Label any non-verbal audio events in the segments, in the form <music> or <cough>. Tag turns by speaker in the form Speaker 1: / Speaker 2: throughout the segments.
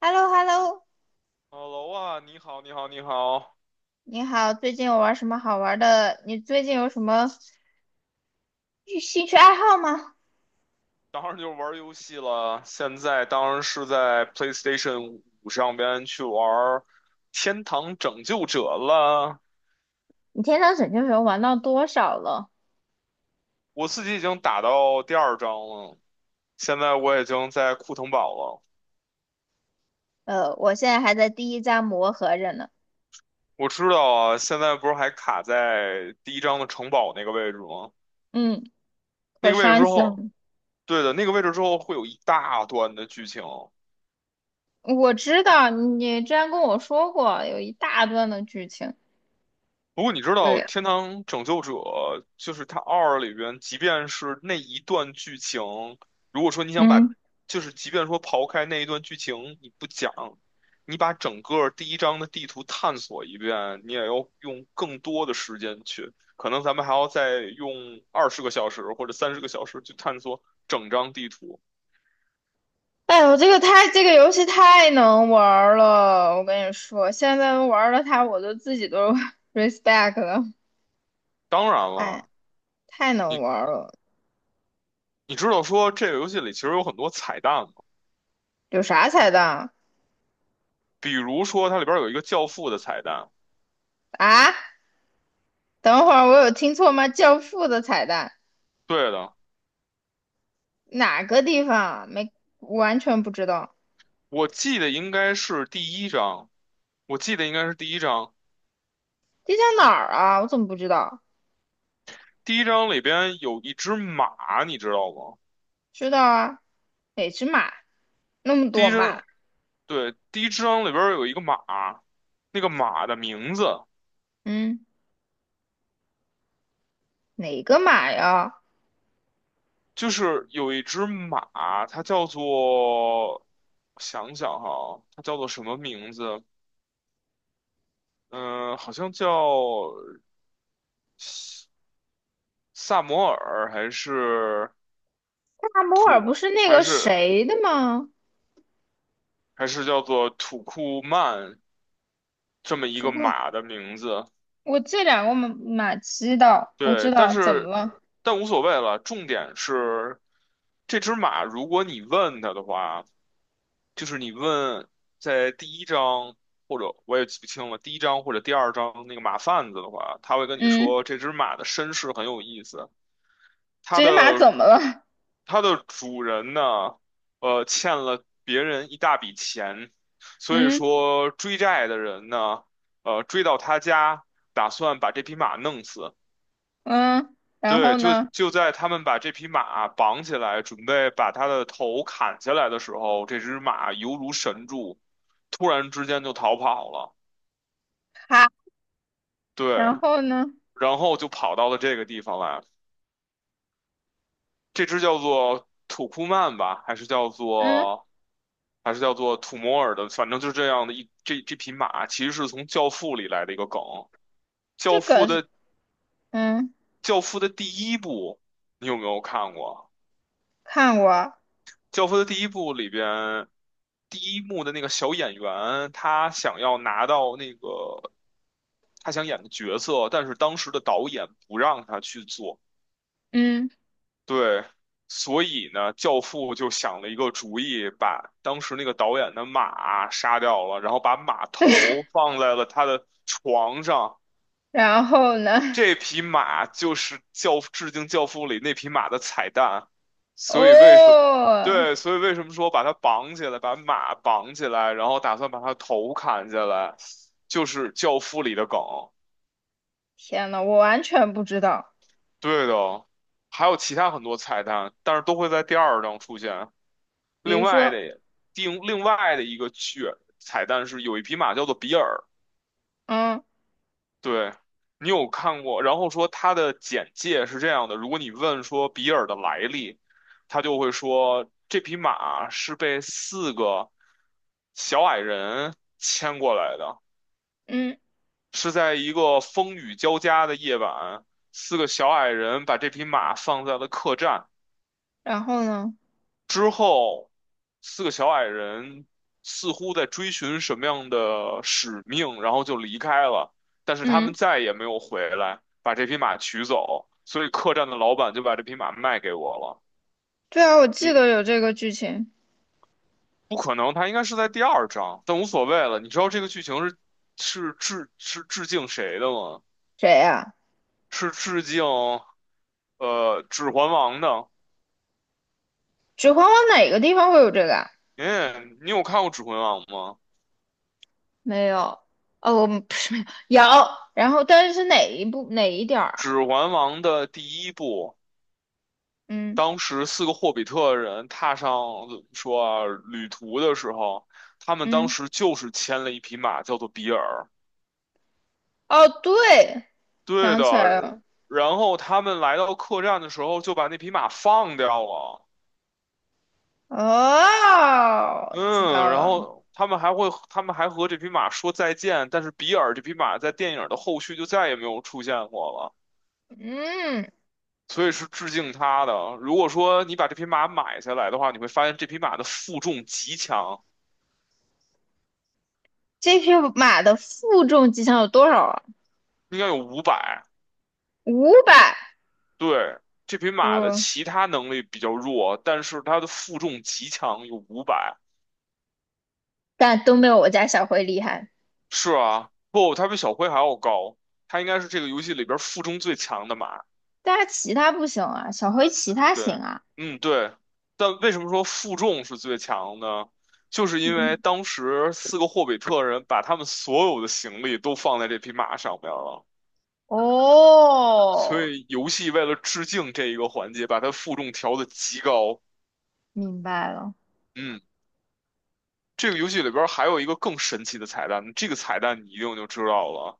Speaker 1: h e l l o h e l l o
Speaker 2: Hello 啊，你好，你好，你好，
Speaker 1: 你好，最近有玩什么好玩的？你最近有什么兴趣爱好吗？
Speaker 2: 当然就是玩游戏了。现在当然是在 PlayStation 五上边去玩天堂拯救者》了。
Speaker 1: 你天堂拯救球玩到多少了？
Speaker 2: 我自己已经打到第二章了，现在我已经在库腾堡了。
Speaker 1: 我现在还在第一章磨合着呢。
Speaker 2: 我知道啊，现在不是还卡在第一章的城堡那个位置吗？
Speaker 1: 嗯，
Speaker 2: 那
Speaker 1: 可
Speaker 2: 个位置
Speaker 1: 伤
Speaker 2: 之
Speaker 1: 心了。
Speaker 2: 后，对的，那个位置之后会有一大段的剧情。
Speaker 1: 我知道你之前跟我说过有一大段的剧情。
Speaker 2: 不过你知道
Speaker 1: 对，
Speaker 2: 《天堂拯救者》就是它二里边，即便是那一段剧情，如果说你想把，
Speaker 1: 嗯，
Speaker 2: 就是即便说刨开那一段剧情你不讲，你把整个第一章的地图探索一遍，你也要用更多的时间去，可能咱们还要再用20个小时或者30个小时去探索整张地图。
Speaker 1: 哎呦，这个太这个游戏太能玩儿了，我跟你说，现在玩了它，我都自己都 <laughs> respect 了。
Speaker 2: 当然
Speaker 1: 哎，
Speaker 2: 了，
Speaker 1: 太能
Speaker 2: 你
Speaker 1: 玩儿了，
Speaker 2: 你知道说这个游戏里其实有很多彩蛋吗？
Speaker 1: 有啥彩蛋
Speaker 2: 比如说它里边有一个教父的彩蛋，
Speaker 1: 啊？啊，等会儿我有听错吗？教父的彩蛋
Speaker 2: 对的。
Speaker 1: 哪个地方啊？没，完全不知道。
Speaker 2: 我记得应该是第一章，我记得应该是第一章。
Speaker 1: 这叫哪儿啊？我怎么不知道？
Speaker 2: 第一章里边有一只马，你知道吗？
Speaker 1: 知道啊，哪只马？那么
Speaker 2: 第
Speaker 1: 多
Speaker 2: 一
Speaker 1: 马？
Speaker 2: 章，对，第一章里边有一个马，那个马的名字
Speaker 1: 嗯，哪个马呀？
Speaker 2: 就是有一只马，它叫做，我想想哈，它叫做什么名字？嗯、好像叫萨摩尔还是
Speaker 1: 大摩尔不
Speaker 2: 土，
Speaker 1: 是那
Speaker 2: 还
Speaker 1: 个
Speaker 2: 是
Speaker 1: 谁的吗？
Speaker 2: 还是叫做土库曼这么一个
Speaker 1: 图库，
Speaker 2: 马的名字。
Speaker 1: 我这两个马知道，我知
Speaker 2: 对，但
Speaker 1: 道怎么
Speaker 2: 是
Speaker 1: 了？
Speaker 2: 但无所谓了。重点是这只马，如果你问它的话，就是你问在第一章或者我也记不清了，第一章或者第二章那个马贩子的话，他会跟你
Speaker 1: 嗯，
Speaker 2: 说这只马的身世很有意思，它
Speaker 1: 这只马
Speaker 2: 的
Speaker 1: 怎么了？
Speaker 2: 它的主人呢，欠了别人一大笔钱，所以
Speaker 1: 嗯
Speaker 2: 说追债的人呢，追到他家，打算把这匹马弄死。
Speaker 1: 嗯，然后
Speaker 2: 对，就
Speaker 1: 呢？
Speaker 2: 就在他们把这匹马绑起来，准备把它的头砍下来的时候，这只马犹如神助，突然之间就逃跑了。
Speaker 1: 哈，
Speaker 2: 对，
Speaker 1: 然后呢？
Speaker 2: 然后就跑到了这个地方来。这只叫做土库曼吧，还是叫
Speaker 1: 嗯，
Speaker 2: 做还是叫做土摩尔的，反正就是这样的这匹马，其实是从《教父》里来的一个梗。《教
Speaker 1: 这
Speaker 2: 父》
Speaker 1: 个是
Speaker 2: 的
Speaker 1: 嗯，
Speaker 2: 《教父》的第一部，你有没有看过？
Speaker 1: 看我，
Speaker 2: 教父的第一部里边，第一幕的那个小演员，他想要拿到那个他想演的角色，但是当时的导演不让他去做。
Speaker 1: 嗯。
Speaker 2: 对，所以呢，教父就想了一个主意，把当时那个导演的马杀掉了，然后把马
Speaker 1: <laughs>
Speaker 2: 头放在了他的床上。
Speaker 1: 然后呢？
Speaker 2: 这匹马就是教致敬《教父》里那匹马的彩蛋，所以为什么？
Speaker 1: 哦，
Speaker 2: 对，所以为什么说把它绑起来，把马绑起来，然后打算把它头砍下来，就是《教父》里的梗。
Speaker 1: 天呐，我完全不知道。
Speaker 2: 对的，还有其他很多彩蛋，但是都会在第二章出现。
Speaker 1: 比
Speaker 2: 另
Speaker 1: 如
Speaker 2: 外
Speaker 1: 说，
Speaker 2: 的，另外的一个彩蛋是有一匹马叫做比尔，
Speaker 1: 嗯
Speaker 2: 对，你有看过？然后说他的简介是这样的：如果你问说比尔的来历，他就会说这匹马是被四个小矮人牵过来的，
Speaker 1: 嗯，
Speaker 2: 是在一个风雨交加的夜晚，四个小矮人把这匹马放在了客栈。
Speaker 1: 然后呢？
Speaker 2: 之后，四个小矮人似乎在追寻什么样的使命，然后就离开了。但是他们
Speaker 1: 嗯，
Speaker 2: 再也没有回来，把这匹马取走。所以客栈的老板就把这匹马卖给我了。
Speaker 1: 对啊，我记得
Speaker 2: 你
Speaker 1: 有这个剧情。
Speaker 2: 不可能，他应该是在第二章，但无所谓了。你知道这个剧情是是致敬谁的吗？
Speaker 1: 谁呀？
Speaker 2: 是致敬《指环王》的。
Speaker 1: 指环王哪个地方会有这个啊？
Speaker 2: 哎，你有看过《指环王》吗？
Speaker 1: 没有。哦，我们不是没有。有，然后但是是哪一部哪一点儿啊？
Speaker 2: 《指环王》的第一部。
Speaker 1: 嗯
Speaker 2: 当时四个霍比特人踏上怎么说啊旅途的时候，他们当
Speaker 1: 嗯，
Speaker 2: 时就是牵了一匹马，叫做比尔。
Speaker 1: 哦，对，
Speaker 2: 对
Speaker 1: 想
Speaker 2: 的，
Speaker 1: 起来了。
Speaker 2: 然后他们来到客栈的时候就把那匹马放掉了。
Speaker 1: 哦，知
Speaker 2: 嗯，
Speaker 1: 道
Speaker 2: 然
Speaker 1: 了。
Speaker 2: 后他们还会，他们还和这匹马说再见，但是比尔这匹马在电影的后续就再也没有出现过了，
Speaker 1: 嗯，
Speaker 2: 所以是致敬他的。如果说你把这匹马买下来的话，你会发现这匹马的负重极强，
Speaker 1: 这匹马的负重极限有多少啊？
Speaker 2: 应该有五百。
Speaker 1: 500。
Speaker 2: 对，这匹马的
Speaker 1: 嗯，
Speaker 2: 其他能力比较弱，但是它的负重极强，有五百。
Speaker 1: 但都没有我家小灰厉害。
Speaker 2: 是啊，不，它比小灰还要高，它应该是这个游戏里边负重最强的马。
Speaker 1: 但是其他不行啊，小灰其他行
Speaker 2: 对，
Speaker 1: 啊。
Speaker 2: 嗯，对。但为什么说负重是最强呢？就是因为
Speaker 1: 嗯，
Speaker 2: 当时四个霍比特人把他们所有的行李都放在这匹马上面了，所
Speaker 1: 哦，
Speaker 2: 以游戏为了致敬这一个环节，把它负重调的极高。
Speaker 1: 明白了，
Speaker 2: 嗯。这个游戏里边还有一个更神奇的彩蛋，这个彩蛋你一定就知道了，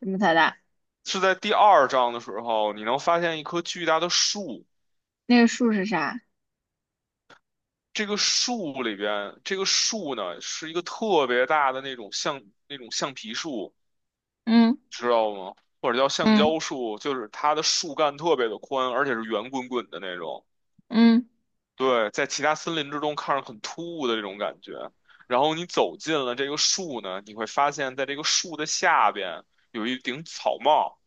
Speaker 1: 这么太大。
Speaker 2: 是在第二章的时候，你能发现一棵巨大的树，
Speaker 1: 那个数是啥？
Speaker 2: 这个树里边，这个树呢是一个特别大的那种橡皮树，
Speaker 1: 嗯
Speaker 2: 知道吗？或者叫橡
Speaker 1: 嗯
Speaker 2: 胶树，就是它的树干特别的宽，而且是圆滚滚的那种。
Speaker 1: 嗯，
Speaker 2: 对，在其他森林之中看着很突兀的这种感觉。然后你走进了这个树呢，你会发现在这个树的下边有一顶草帽。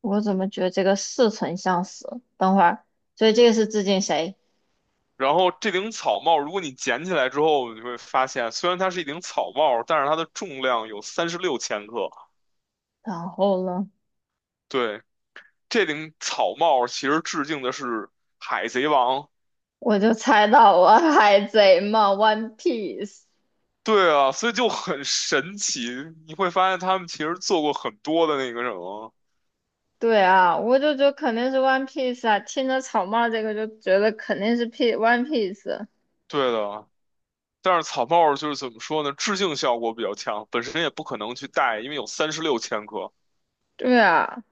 Speaker 1: 我怎么觉得这个似曾相识？等会儿，所以这个是致敬谁？
Speaker 2: 然后这顶草帽，如果你捡起来之后，你会发现，虽然它是一顶草帽，但是它的重量有三十六千克。
Speaker 1: 然后呢，
Speaker 2: 对，这顶草帽其实致敬的是《海贼王》。
Speaker 1: 我就猜到我海贼嘛，One Piece。
Speaker 2: 对啊，所以就很神奇，你会发现他们其实做过很多的那个什么。
Speaker 1: 对啊，我就觉得肯定是 One Piece 啊，听着草帽这个就觉得肯定是 One Piece。
Speaker 2: 对的，但是草帽就是怎么说呢，致敬效果比较强，本身也不可能去戴，因为有三十六千克，
Speaker 1: 对啊，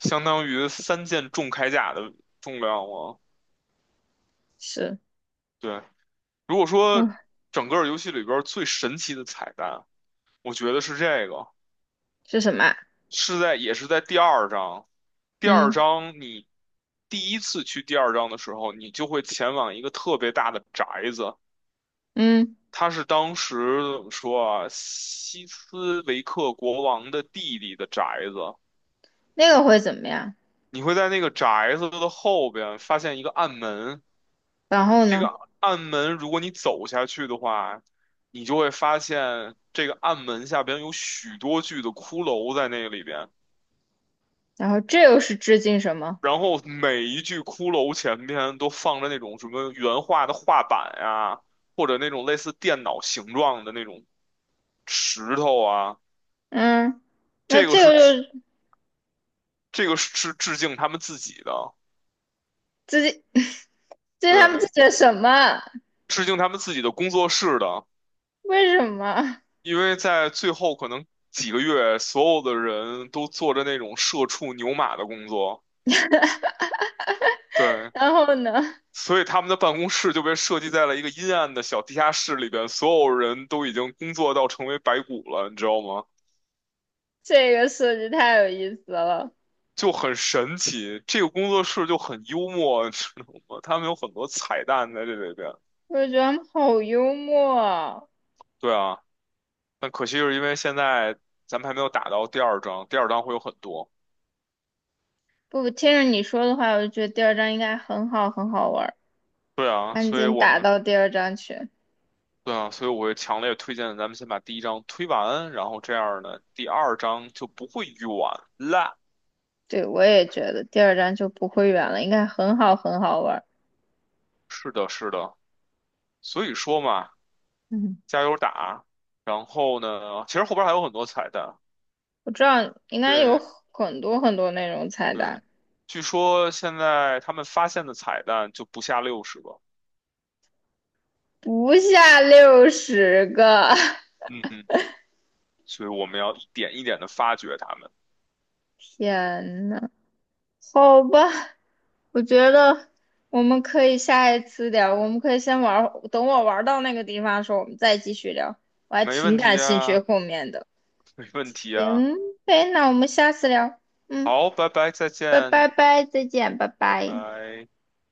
Speaker 2: 相当于三件重铠甲的重量了。
Speaker 1: 是。
Speaker 2: 对。如果说
Speaker 1: 嗯，
Speaker 2: 整个游戏里边最神奇的彩蛋，我觉得是这个，
Speaker 1: 是什么啊？
Speaker 2: 是在也是在第二章。第二
Speaker 1: 嗯
Speaker 2: 章你第一次去第二章的时候，你就会前往一个特别大的宅子，
Speaker 1: 嗯，
Speaker 2: 它是当时怎么说啊，西斯维克国王的弟弟的宅子。
Speaker 1: 那个会怎么样？
Speaker 2: 你会在那个宅子的后边发现一个暗门，
Speaker 1: 然后
Speaker 2: 这
Speaker 1: 呢？
Speaker 2: 个暗门，如果你走下去的话，你就会发现这个暗门下边有许多具的骷髅在那里边，
Speaker 1: 然后这又是致敬什么？
Speaker 2: 然后每一具骷髅前边都放着那种什么原画的画板呀、或者那种类似电脑形状的那种石头啊，
Speaker 1: 嗯，那
Speaker 2: 这个
Speaker 1: 这个
Speaker 2: 是致
Speaker 1: 就是
Speaker 2: 这个是致敬他们自己的，
Speaker 1: 致敬 <laughs> 这是他们自
Speaker 2: 对，
Speaker 1: 己的什么？
Speaker 2: 致敬他们自己的工作室的。
Speaker 1: 为什么？
Speaker 2: 因为在最后可能几个月，所有的人都做着那种社畜牛马的工作，对，
Speaker 1: 然后呢？
Speaker 2: 所以他们的办公室就被设计在了一个阴暗的小地下室里边，所有人都已经工作到成为白骨了，你知道吗？
Speaker 1: 这个设计太有意思了，
Speaker 2: 就很神奇，这个工作室就很幽默，你知道吗？他们有很多彩蛋在这里边。
Speaker 1: 我就觉得他们好幽默啊。
Speaker 2: 对啊，但可惜是因为现在咱们还没有打到第二章，第二章会有很多。
Speaker 1: 不，听着你说的话，我就觉得第二章应该很好，很好玩儿。
Speaker 2: 对啊，
Speaker 1: 赶
Speaker 2: 所以
Speaker 1: 紧
Speaker 2: 我
Speaker 1: 打
Speaker 2: 们
Speaker 1: 到第二章去。
Speaker 2: 对啊，所以我会强烈推荐咱们先把第一章推完，然后这样呢，第二章就不会远了。
Speaker 1: 对，我也觉得第二章就不会远了，应该很好，很好玩儿。
Speaker 2: 是的，是的，所以说嘛。
Speaker 1: 嗯。
Speaker 2: 加油打。然后呢，其实后边还有很多彩蛋。
Speaker 1: 我知道应该有
Speaker 2: 对
Speaker 1: 很多很多那种菜
Speaker 2: 对，
Speaker 1: 单，
Speaker 2: 据说现在他们发现的彩蛋就不下60个。
Speaker 1: 不下60个。<laughs>
Speaker 2: 嗯嗯，所以我们要一点一点的发掘他们。
Speaker 1: 天呐，好吧，我觉得我们可以下一次聊，我们可以先玩儿，等我玩到那个地方的时候，我们再继续聊。我还
Speaker 2: 没
Speaker 1: 挺
Speaker 2: 问
Speaker 1: 感
Speaker 2: 题
Speaker 1: 兴趣
Speaker 2: 啊，
Speaker 1: 后面的。
Speaker 2: 没问题啊。
Speaker 1: 行呗，那我们下次聊。嗯，
Speaker 2: 好，拜拜，再
Speaker 1: 拜
Speaker 2: 见，
Speaker 1: 拜拜，再见，拜
Speaker 2: 拜
Speaker 1: 拜。
Speaker 2: 拜。